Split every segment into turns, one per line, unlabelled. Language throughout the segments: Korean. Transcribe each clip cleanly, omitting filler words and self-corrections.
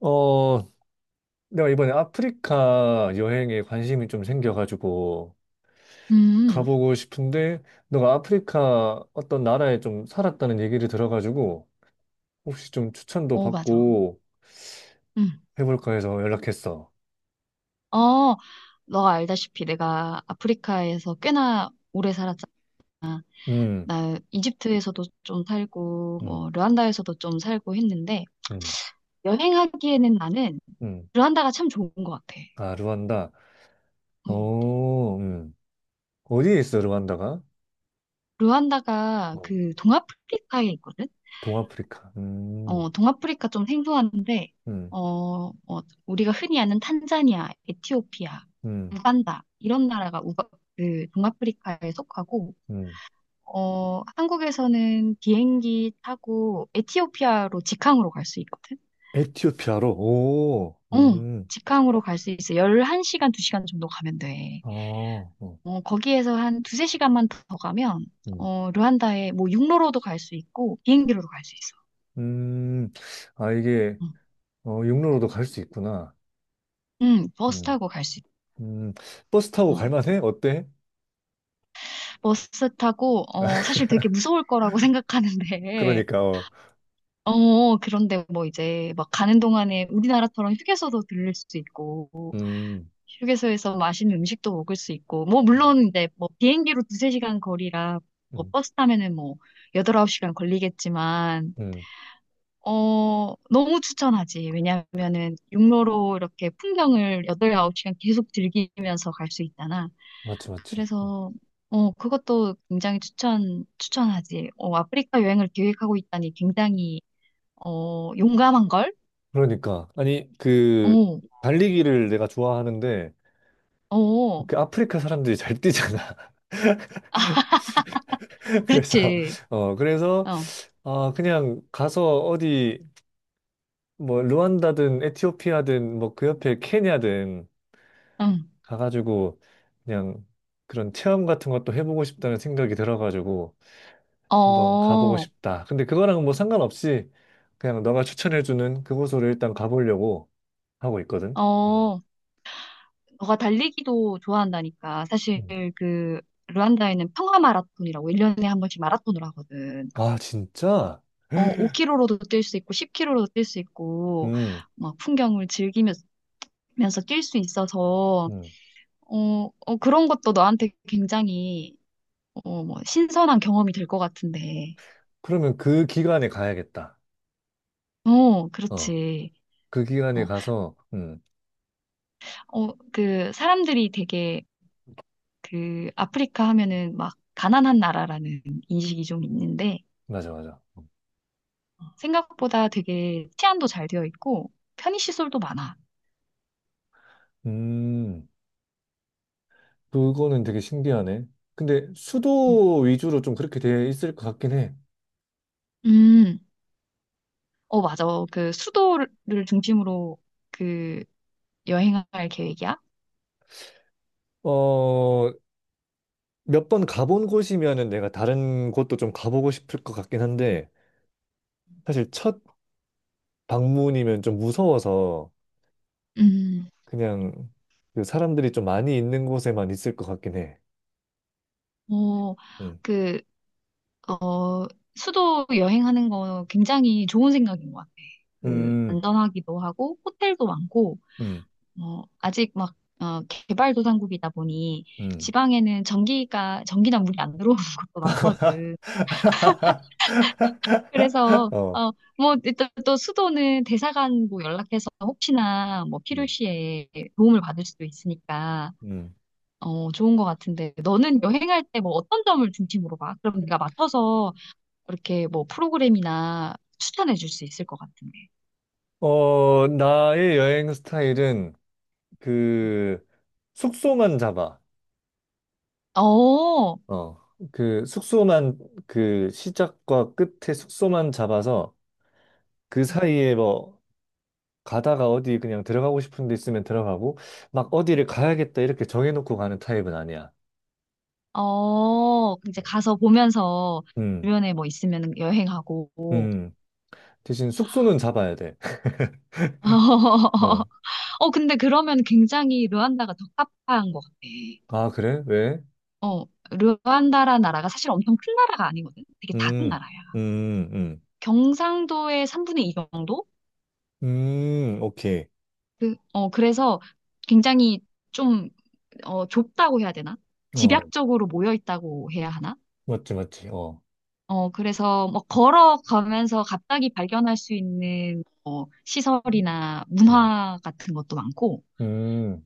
어, 내가 이번에 아프리카 여행에 관심이 좀 생겨가지고
음,
가보고 싶은데, 너가 아프리카 어떤 나라에 좀 살았다는 얘기를 들어가지고, 혹시 좀 추천도
맞아.
받고
음.
해볼까 해서 연락했어.
어, 너가 알다시피 내가 아프리카에서 꽤나 오래 살았잖아.
음,
나 이집트에서도 좀 살고,
음,
뭐, 르완다에서도 좀 살고 했는데,
음,
여행하기에는 나는
음.
르완다가 참 좋은 것 같아.
아, 루안다.
음.
어, 어디에 있어, 루안다가?
르완다가
어,
그 동아프리카에 있거든?
동아프리카.
동아프리카 좀 생소한데,
음,
어, 어, 우리가 흔히 아는 탄자니아, 에티오피아,
음,
우간다, 이런 나라가 그 동아프리카에 속하고,
음.
한국에서는 비행기 타고 에티오피아로 직항으로 갈 수 있거든?
에티오피아로? 오,
응, 직항으로 갈 수 있어. 11시간, 2시간 정도 가면 돼.
어, 어.
거기에서 한 두세 시간만 더 가면,
음.
르완다에 뭐 육로로도 갈 수 있고, 비행기로도 갈 수 있어.
음, 아, 이게,
응,
어, 육로로도 갈 수 있구나.
응, 버스
음,
타고 갈 수 있어.
음, 버스 타고
어,
갈만해? 어때?
버스 타고, 사실 되게 무서울 거라고 생각하는데,
그러니까, 어.
그런데 뭐 이제 막 가는 동안에 우리나라처럼 휴게소도 들릴 수 있고,
음,
휴게소에서 맛있는 음식도 먹을 수 있고, 뭐, 물론 이제 뭐 비행기로 두세 시간 거리라, 뭐
음,
버스 타면은 뭐 여덟, 아홉 시간 걸리겠지만,
음,
너무 추천하지. 왜냐면은 육로로 이렇게 풍경을 여덟, 아홉 시간 계속 즐기면서 갈 수 있잖아.
맞지, 맞지. 어.
그래서, 그것도 굉장히 추천하지. 아프리카 여행을 계획하고 있다니 굉장히, 용감한 걸?
그러니까. 아니, 그,
어,
달리기를 내가 좋아하는데,
어,
그 아프리카 사람들이 잘 뛰잖아. 그래서,
그렇지.
어, 그래서,
어,
아, 그냥 가서 어디, 뭐, 르완다든, 에티오피아든, 뭐, 그 옆에 케냐든,
응.
가가지고 그냥 그런 체험 같은 것도 해보고 싶다는 생각이 들어가지고 한번 가보고
어,
싶다. 근데 그거랑 뭐 상관없이 그냥 너가 추천해주는 그곳으로 일단 가보려고 하고 있거든. 음.
어. 너가 달리기도 좋아한다니까. 사실
음.
그 르완다에는 평화 마라톤이라고 1년에 한 번씩 마라톤을 하거든.
아, 진짜?
5km로도 뛸 수 있고 10km로도 뛸 수 있고
음,
막 풍경을 즐기면서 뛸 수 있어서
음.
그런 것도 너한테 굉장히 뭐 신선한 경험이 될 것 같은데.
그러면 그 기간에 가야겠다. 어,
그렇지.
그 기간에
어,
가서,
그 사람들이 되게 그 아프리카 하면은 막 가난한 나라라는 인식이 좀 있는데
맞아, 맞아.
생각보다 되게 치안도 잘 되어 있고 편의시설도 많아.
음, 그거는 되게 신기하네. 근데
음.
수도 위주로 좀 그렇게 돼 있을 것 같긴 해.
음, 맞아. 그 수도를 중심으로 그 여행할 계획이야.
어, 몇 번 가본 곳이면은 내가 다른 곳도 좀 가보고 싶을 것 같긴 한데 사실 첫 방문이면 좀 무서워서
음,
그냥 그 사람들이 좀 많이 있는 곳에만 있을 것 같긴 해.
어,
음,
그, 어, 수도 여행하는 거 굉장히 좋은 생각인 것 같아. 그,
음,
안전하기도 하고, 호텔도 많고,
음,
아직 막, 개발도상국이다 보니,
음.
지방에는 전기나 물이 안 들어오는 곳도 많거든. 그래서
어,
뭐 일단 또 수도는 대사관 뭐 연락해서 혹시나 뭐
음,
필요시에 도움을 받을 수도 있으니까
음.
좋은 것 같은데 너는 여행할 때 뭐 어떤 점을 중심으로 봐? 그럼 네가 맡아서 이렇게 뭐 프로그램이나 추천해 줄 수 있을 것 같은데.
어, 나의 여행 스타일은 그 숙소만 잡아.
어,
어, 그 숙소만 그 시작과 끝에 숙소만 잡아서 그 사이에 뭐 가다가 어디 그냥 들어가고 싶은 데 있으면 들어가고, 막 어디를 가야겠다 이렇게 정해놓고 가는 타입은 아니야.
이제 가서 보면서
음,
주변에 뭐 있으면 여행하고.
음. 대신 숙소는 잡아야 돼. 어.
근데 그러면 굉장히 르완다가 적합한 것 같아.
아, 그래? 왜?
어, 르완다라는 나라가 사실 엄청 큰 나라가 아니거든. 되게 작은
음,
나라야.
음, 음.
경상도의 3분의 2 정도?
오케이.
그래서 굉장히 좀, 좁다고 해야 되나?
어,
집약적으로 모여 있다고 해야 하나?
맞지, 맞지. 어.
그래서 뭐 걸어가면서 갑자기 발견할 수 있는 시설이나
음,
문화 같은 것도 많고,
음,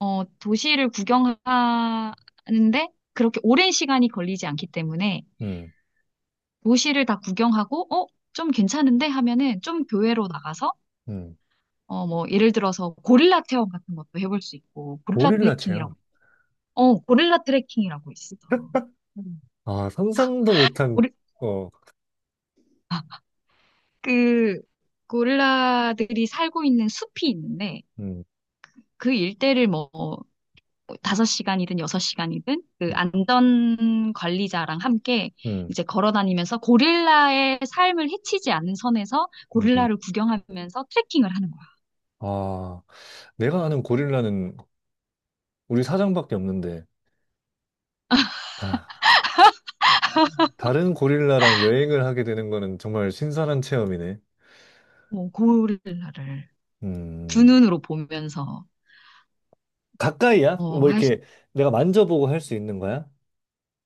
도시를 구경하는데 그렇게 오랜 시간이 걸리지 않기 때문에
음.
도시를 다 구경하고, 좀 괜찮은데 하면은 좀 교외로 나가서,
음.
뭐, 예를 들어서 고릴라 체험 같은 것도 해볼 수 있고,
고릴라 체험.
고릴라 트레킹이라고 있어.
음. 아, 상상도 못한,
고리,
어,
아, 그, 고릴라들이 살고 있는 숲이 있는데,
음,
그 일대를 뭐, 5시간이든 6시간이든 그
음,
안전 관리자랑 함께
음,
이제 걸어 다니면서 고릴라의 삶을 해치지 않는 선에서
음.
고릴라를 구경하면서 트레킹을 하는 거야.
아, 내가 아는 고릴라는 우리 사장밖에 없는데, 아. 다른 고릴라랑 여행을 하게 되는 거는 정말 신선한 체험이네.
뭐 고릴라를. 두
음,
눈으로 보면서
가까이야?
어,
뭐
할 수,
이렇게 내가 만져보고 할 수 있는 거야?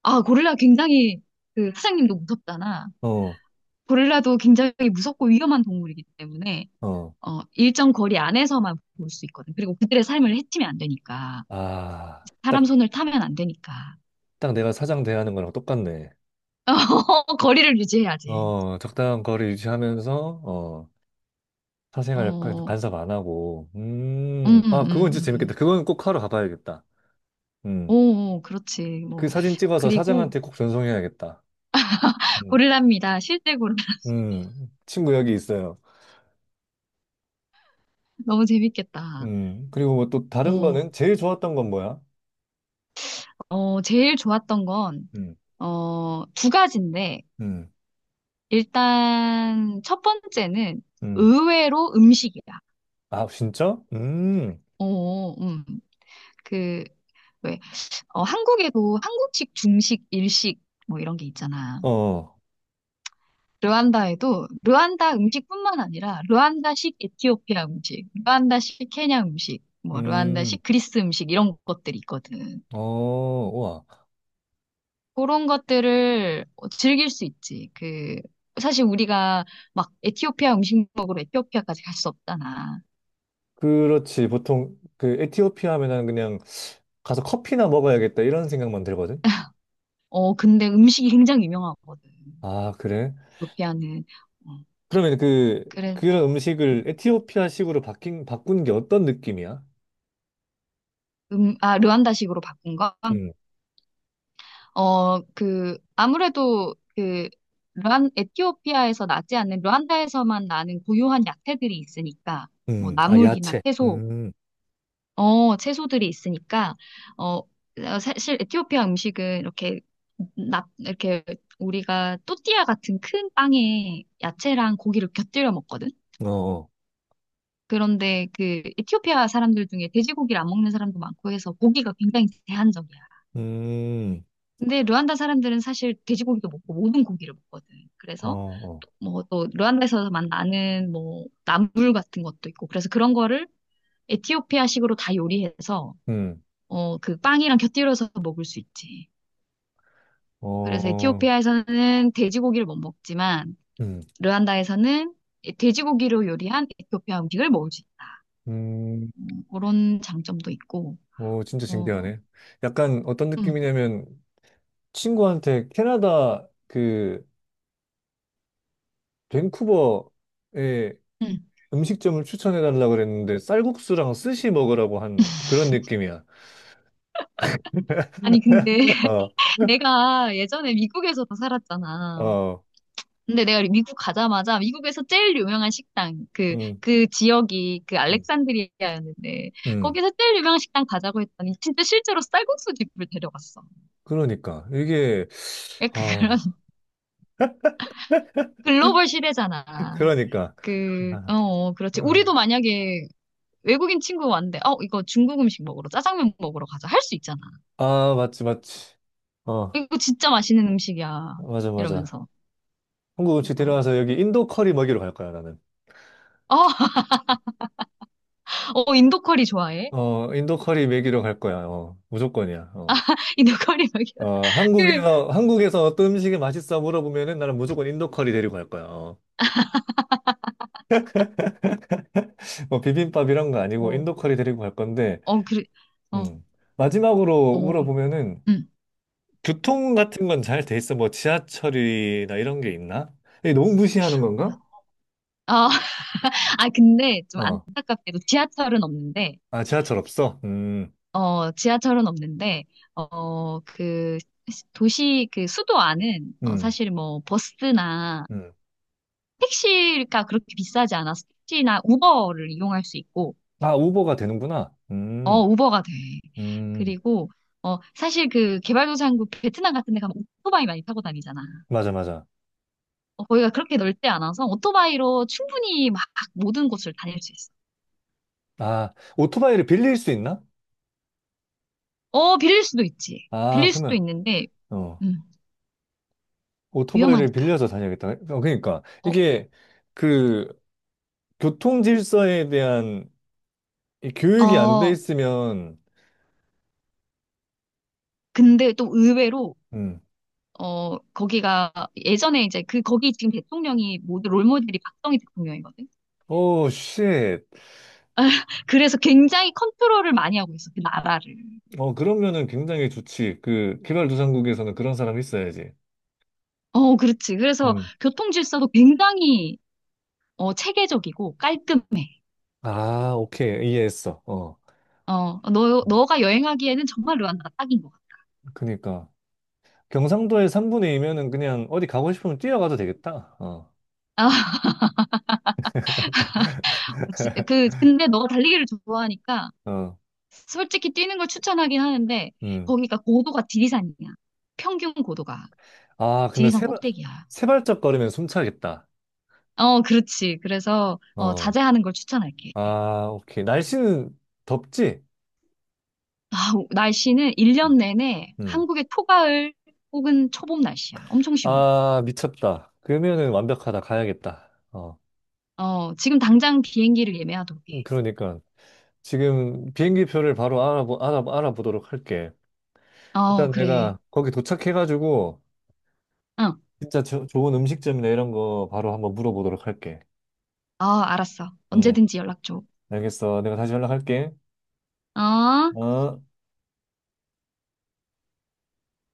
고릴라 굉장히 그 사장님도 무섭잖아.
어,
고릴라도 굉장히 무섭고 위험한 동물이기 때문에
어.
일정 거리 안에서만 볼 수 있거든. 그리고 그들의 삶을 해치면 안 되니까.
아,
사람
딱,
손을 타면 안 되니까.
딱 내가 사장 대하는 거랑 똑같네.
거리를 유지해야지.
어, 적당한 거리 유지하면서, 어, 사생활
어,
간섭 안 하고.
음,
아, 그건 진짜 재밌겠다.
음.
그건 꼭 하러 가봐야겠다.
오,
음,
오, 그렇지.
그
뭐.
사진 찍어서
그리고
사장한테 꼭 전송해야겠다. 음,
고릴라입니다. 실제 고릴라.
친구 여기 있어요.
너무 재밌겠다.
그리고 뭐 또 다른
어,
거는 제일 좋았던 건 뭐야?
제일 좋았던 건,
음,
두 가지인데,
음,
일단 첫 번째는
음.
의외로 음식이야.
아, 진짜?
어, 음, 그, 왜, 한국에도 한국식, 중식, 일식 뭐 이런 게 있잖아.
어,
르완다에도 르완다 음식뿐만 아니라 르완다식 에티오피아 음식, 르완다식 케냐 음식, 뭐
음,
르완다식 그리스 음식 이런 것들이 있거든.
어, 와.
그런 것들을 즐길 수 있지. 그 사실 우리가 막 에티오피아 음식 먹으러 에티오피아까지 갈 수 없잖아.
그렇지. 보통 그 에티오피아 하면은 그냥 가서 커피나 먹어야겠다 이런 생각만 들거든.
근데 음식이 굉장히 유명하거든.
아, 그래?
루피아는. 어,
그러면 그,
그래.
그런 음식을 에티오피아식으로 바꾼 게 어떤 느낌이야?
아, 르완다식으로 바꾼 건?
음,
그, 아무래도 그, 에티오피아에서 나지 않는 르완다에서만 나는 고유한 야채들이 있으니까, 뭐,
아,
나물이나
야채.
채소들이 있으니까, 어, 사실 에티오피아 음식은 이렇게, 이렇게 우리가 또띠아 같은 큰 빵에 야채랑 고기를 곁들여 먹거든.
어, 어.
그런데 그 에티오피아 사람들 중에 돼지고기를 안 먹는 사람도 많고 해서 고기가 굉장히 제한적이야.
음,
근데 르완다 사람들은 사실 돼지고기도 먹고 모든 고기를 먹거든.
어,
그래서
어.
뭐 또 르완다에서만 나는 뭐 나물 같은 것도 있고 그래서 그런 거를 에티오피아식으로 다 요리해서
음,
그 빵이랑 곁들여서 먹을 수 있지. 그래서
어,
에티오피아에서는 돼지고기를 못 먹지만
음,
르완다에서는 돼지고기로 요리한 에티오피아 음식을 먹을 수 있다.
음,
그런 장점도 있고.
오, 진짜
어,
신기하네. 약간 어떤
음.
느낌이냐면 친구한테 캐나다 그 밴쿠버의
응,
음식점을 추천해 달라고 그랬는데 쌀국수랑 스시 먹으라고 한 그런 느낌이야.
아니, 근데 내가 예전에 미국에서
어,
살았잖아.
어,
근데 내가 미국 가자마자 미국에서 제일 유명한 식당, 그,
음,
그 지역이 그
음,
알렉산드리아였는데,
음.
거기서 제일 유명한 식당 가자고 했더니 진짜 실제로 쌀국수 집을 데려갔어.
그러니까 이게 아,
그런 글로벌 시대잖아.
그러니까 아,
그렇지. 우리도
어.
만약에 외국인 친구 왔는데, 이거 중국 음식 먹으러, 짜장면 먹으러 가자. 할 수 있잖아.
아, 맞지, 맞지. 어,
이거 진짜 맛있는 음식이야.
맞아, 맞아.
이러면서.
한국 음식
어,
데려와서 여기 인도 커리 먹이러 갈 거야, 나는.
어, 인도 커리 좋아해?
어, 인도 커리 먹이러 갈 거야. 어, 무조건이야. 어.
이 너구리 막이
어,
그,
한국에서, 한국에서 어떤 음식이 맛있어 물어보면은 나는 무조건 인도 커리 데리고 갈 거야. 어. 뭐 비빔밥 이런 거 아니고
어,
인도 커리 데리고 갈 건데,
그래, 어,
음. 마지막으로
어,
물어보면은
응.
교통 같은 건 잘 돼 있어? 뭐 지하철이나 이런 게 있나? 이게 너무 무시하는
어,
건가?
아, 아, 근데 좀
어.
안타깝게도 지하철은 없는데,
아, 지하철 없어?
지하철은 없는데, 그, 도시, 그 수도 안은,
음,
사실 뭐, 버스나
음.
택시가 그렇게 비싸지 않아서 택시나 우버를 이용할 수 있고,
아, 우버가 되는구나.
우버가 돼.
음.
그리고, 사실 그 개발도상국 베트남 같은 데 가면 오토바이 많이 타고 다니잖아.
맞아, 맞아.
거기가 그렇게 넓지 않아서 오토바이로 충분히 막 모든 곳을 다닐 수 있어.
아, 오토바이를 빌릴 수 있나?
빌릴 수도 있지.
아,
빌릴 수도
그러면,
있는데,
어.
음,
오토바이를
위험하니까.
빌려서 다녀야겠다. 어, 그러니까
어,
이게 그 교통 질서에 대한 이 교육이 안 돼
어,
있으면
근데 또 의외로,
음.
거기가 예전에 이제 그, 거기 지금 대통령이 모두 롤모델이 박정희 대통령이거든.
오, 쉣.
그래서 굉장히 컨트롤을 많이 하고 있어, 그 나라를.
어, 그러면은 굉장히 좋지. 그 개발도상국에서는 그런 사람이 있어야지.
그렇지. 그래서
음.
교통 질서도 굉장히, 체계적이고 깔끔해.
아, 오케이. 이해했어. 어.
너가 여행하기에는 정말 르완다가 딱인 것 같아.
그러니까 경상도의 3분의 2면은 그냥 어디 가고 싶으면 뛰어가도 되겠다. 어.
근데 너가 달리기를 좋아하니까
어.
솔직히 뛰는 걸 추천하긴 하는데
음.
거기가 고도가 지리산이야. 평균 고도가.
아, 그러면
지리산
세 발,
꼭대기야.
세 발짝 걸으면 숨차겠다.
그렇지. 그래서
어.
자제하는 걸 추천할게.
아, 오케이. 날씨는 덥지?
아, 날씨는 1년 내내
음.
한국의 초가을 혹은 초봄 날씨야. 엄청 시원해.
아, 미쳤다. 그러면은 완벽하다. 가야겠다. 어,
지금 당장 비행기를 예매하도록
그러니까 지금 비행기 표를 바로 알아보도록 할게.
해. 어,
일단
그래.
내가 거기 도착해가지고
응.
진짜 좋은 음식점이나 이런 거 바로 한번 물어보도록 할게.
어, 알았어.
음,
언제든지 연락 줘.
알겠어. 내가 다시 연락할게.
어?
어?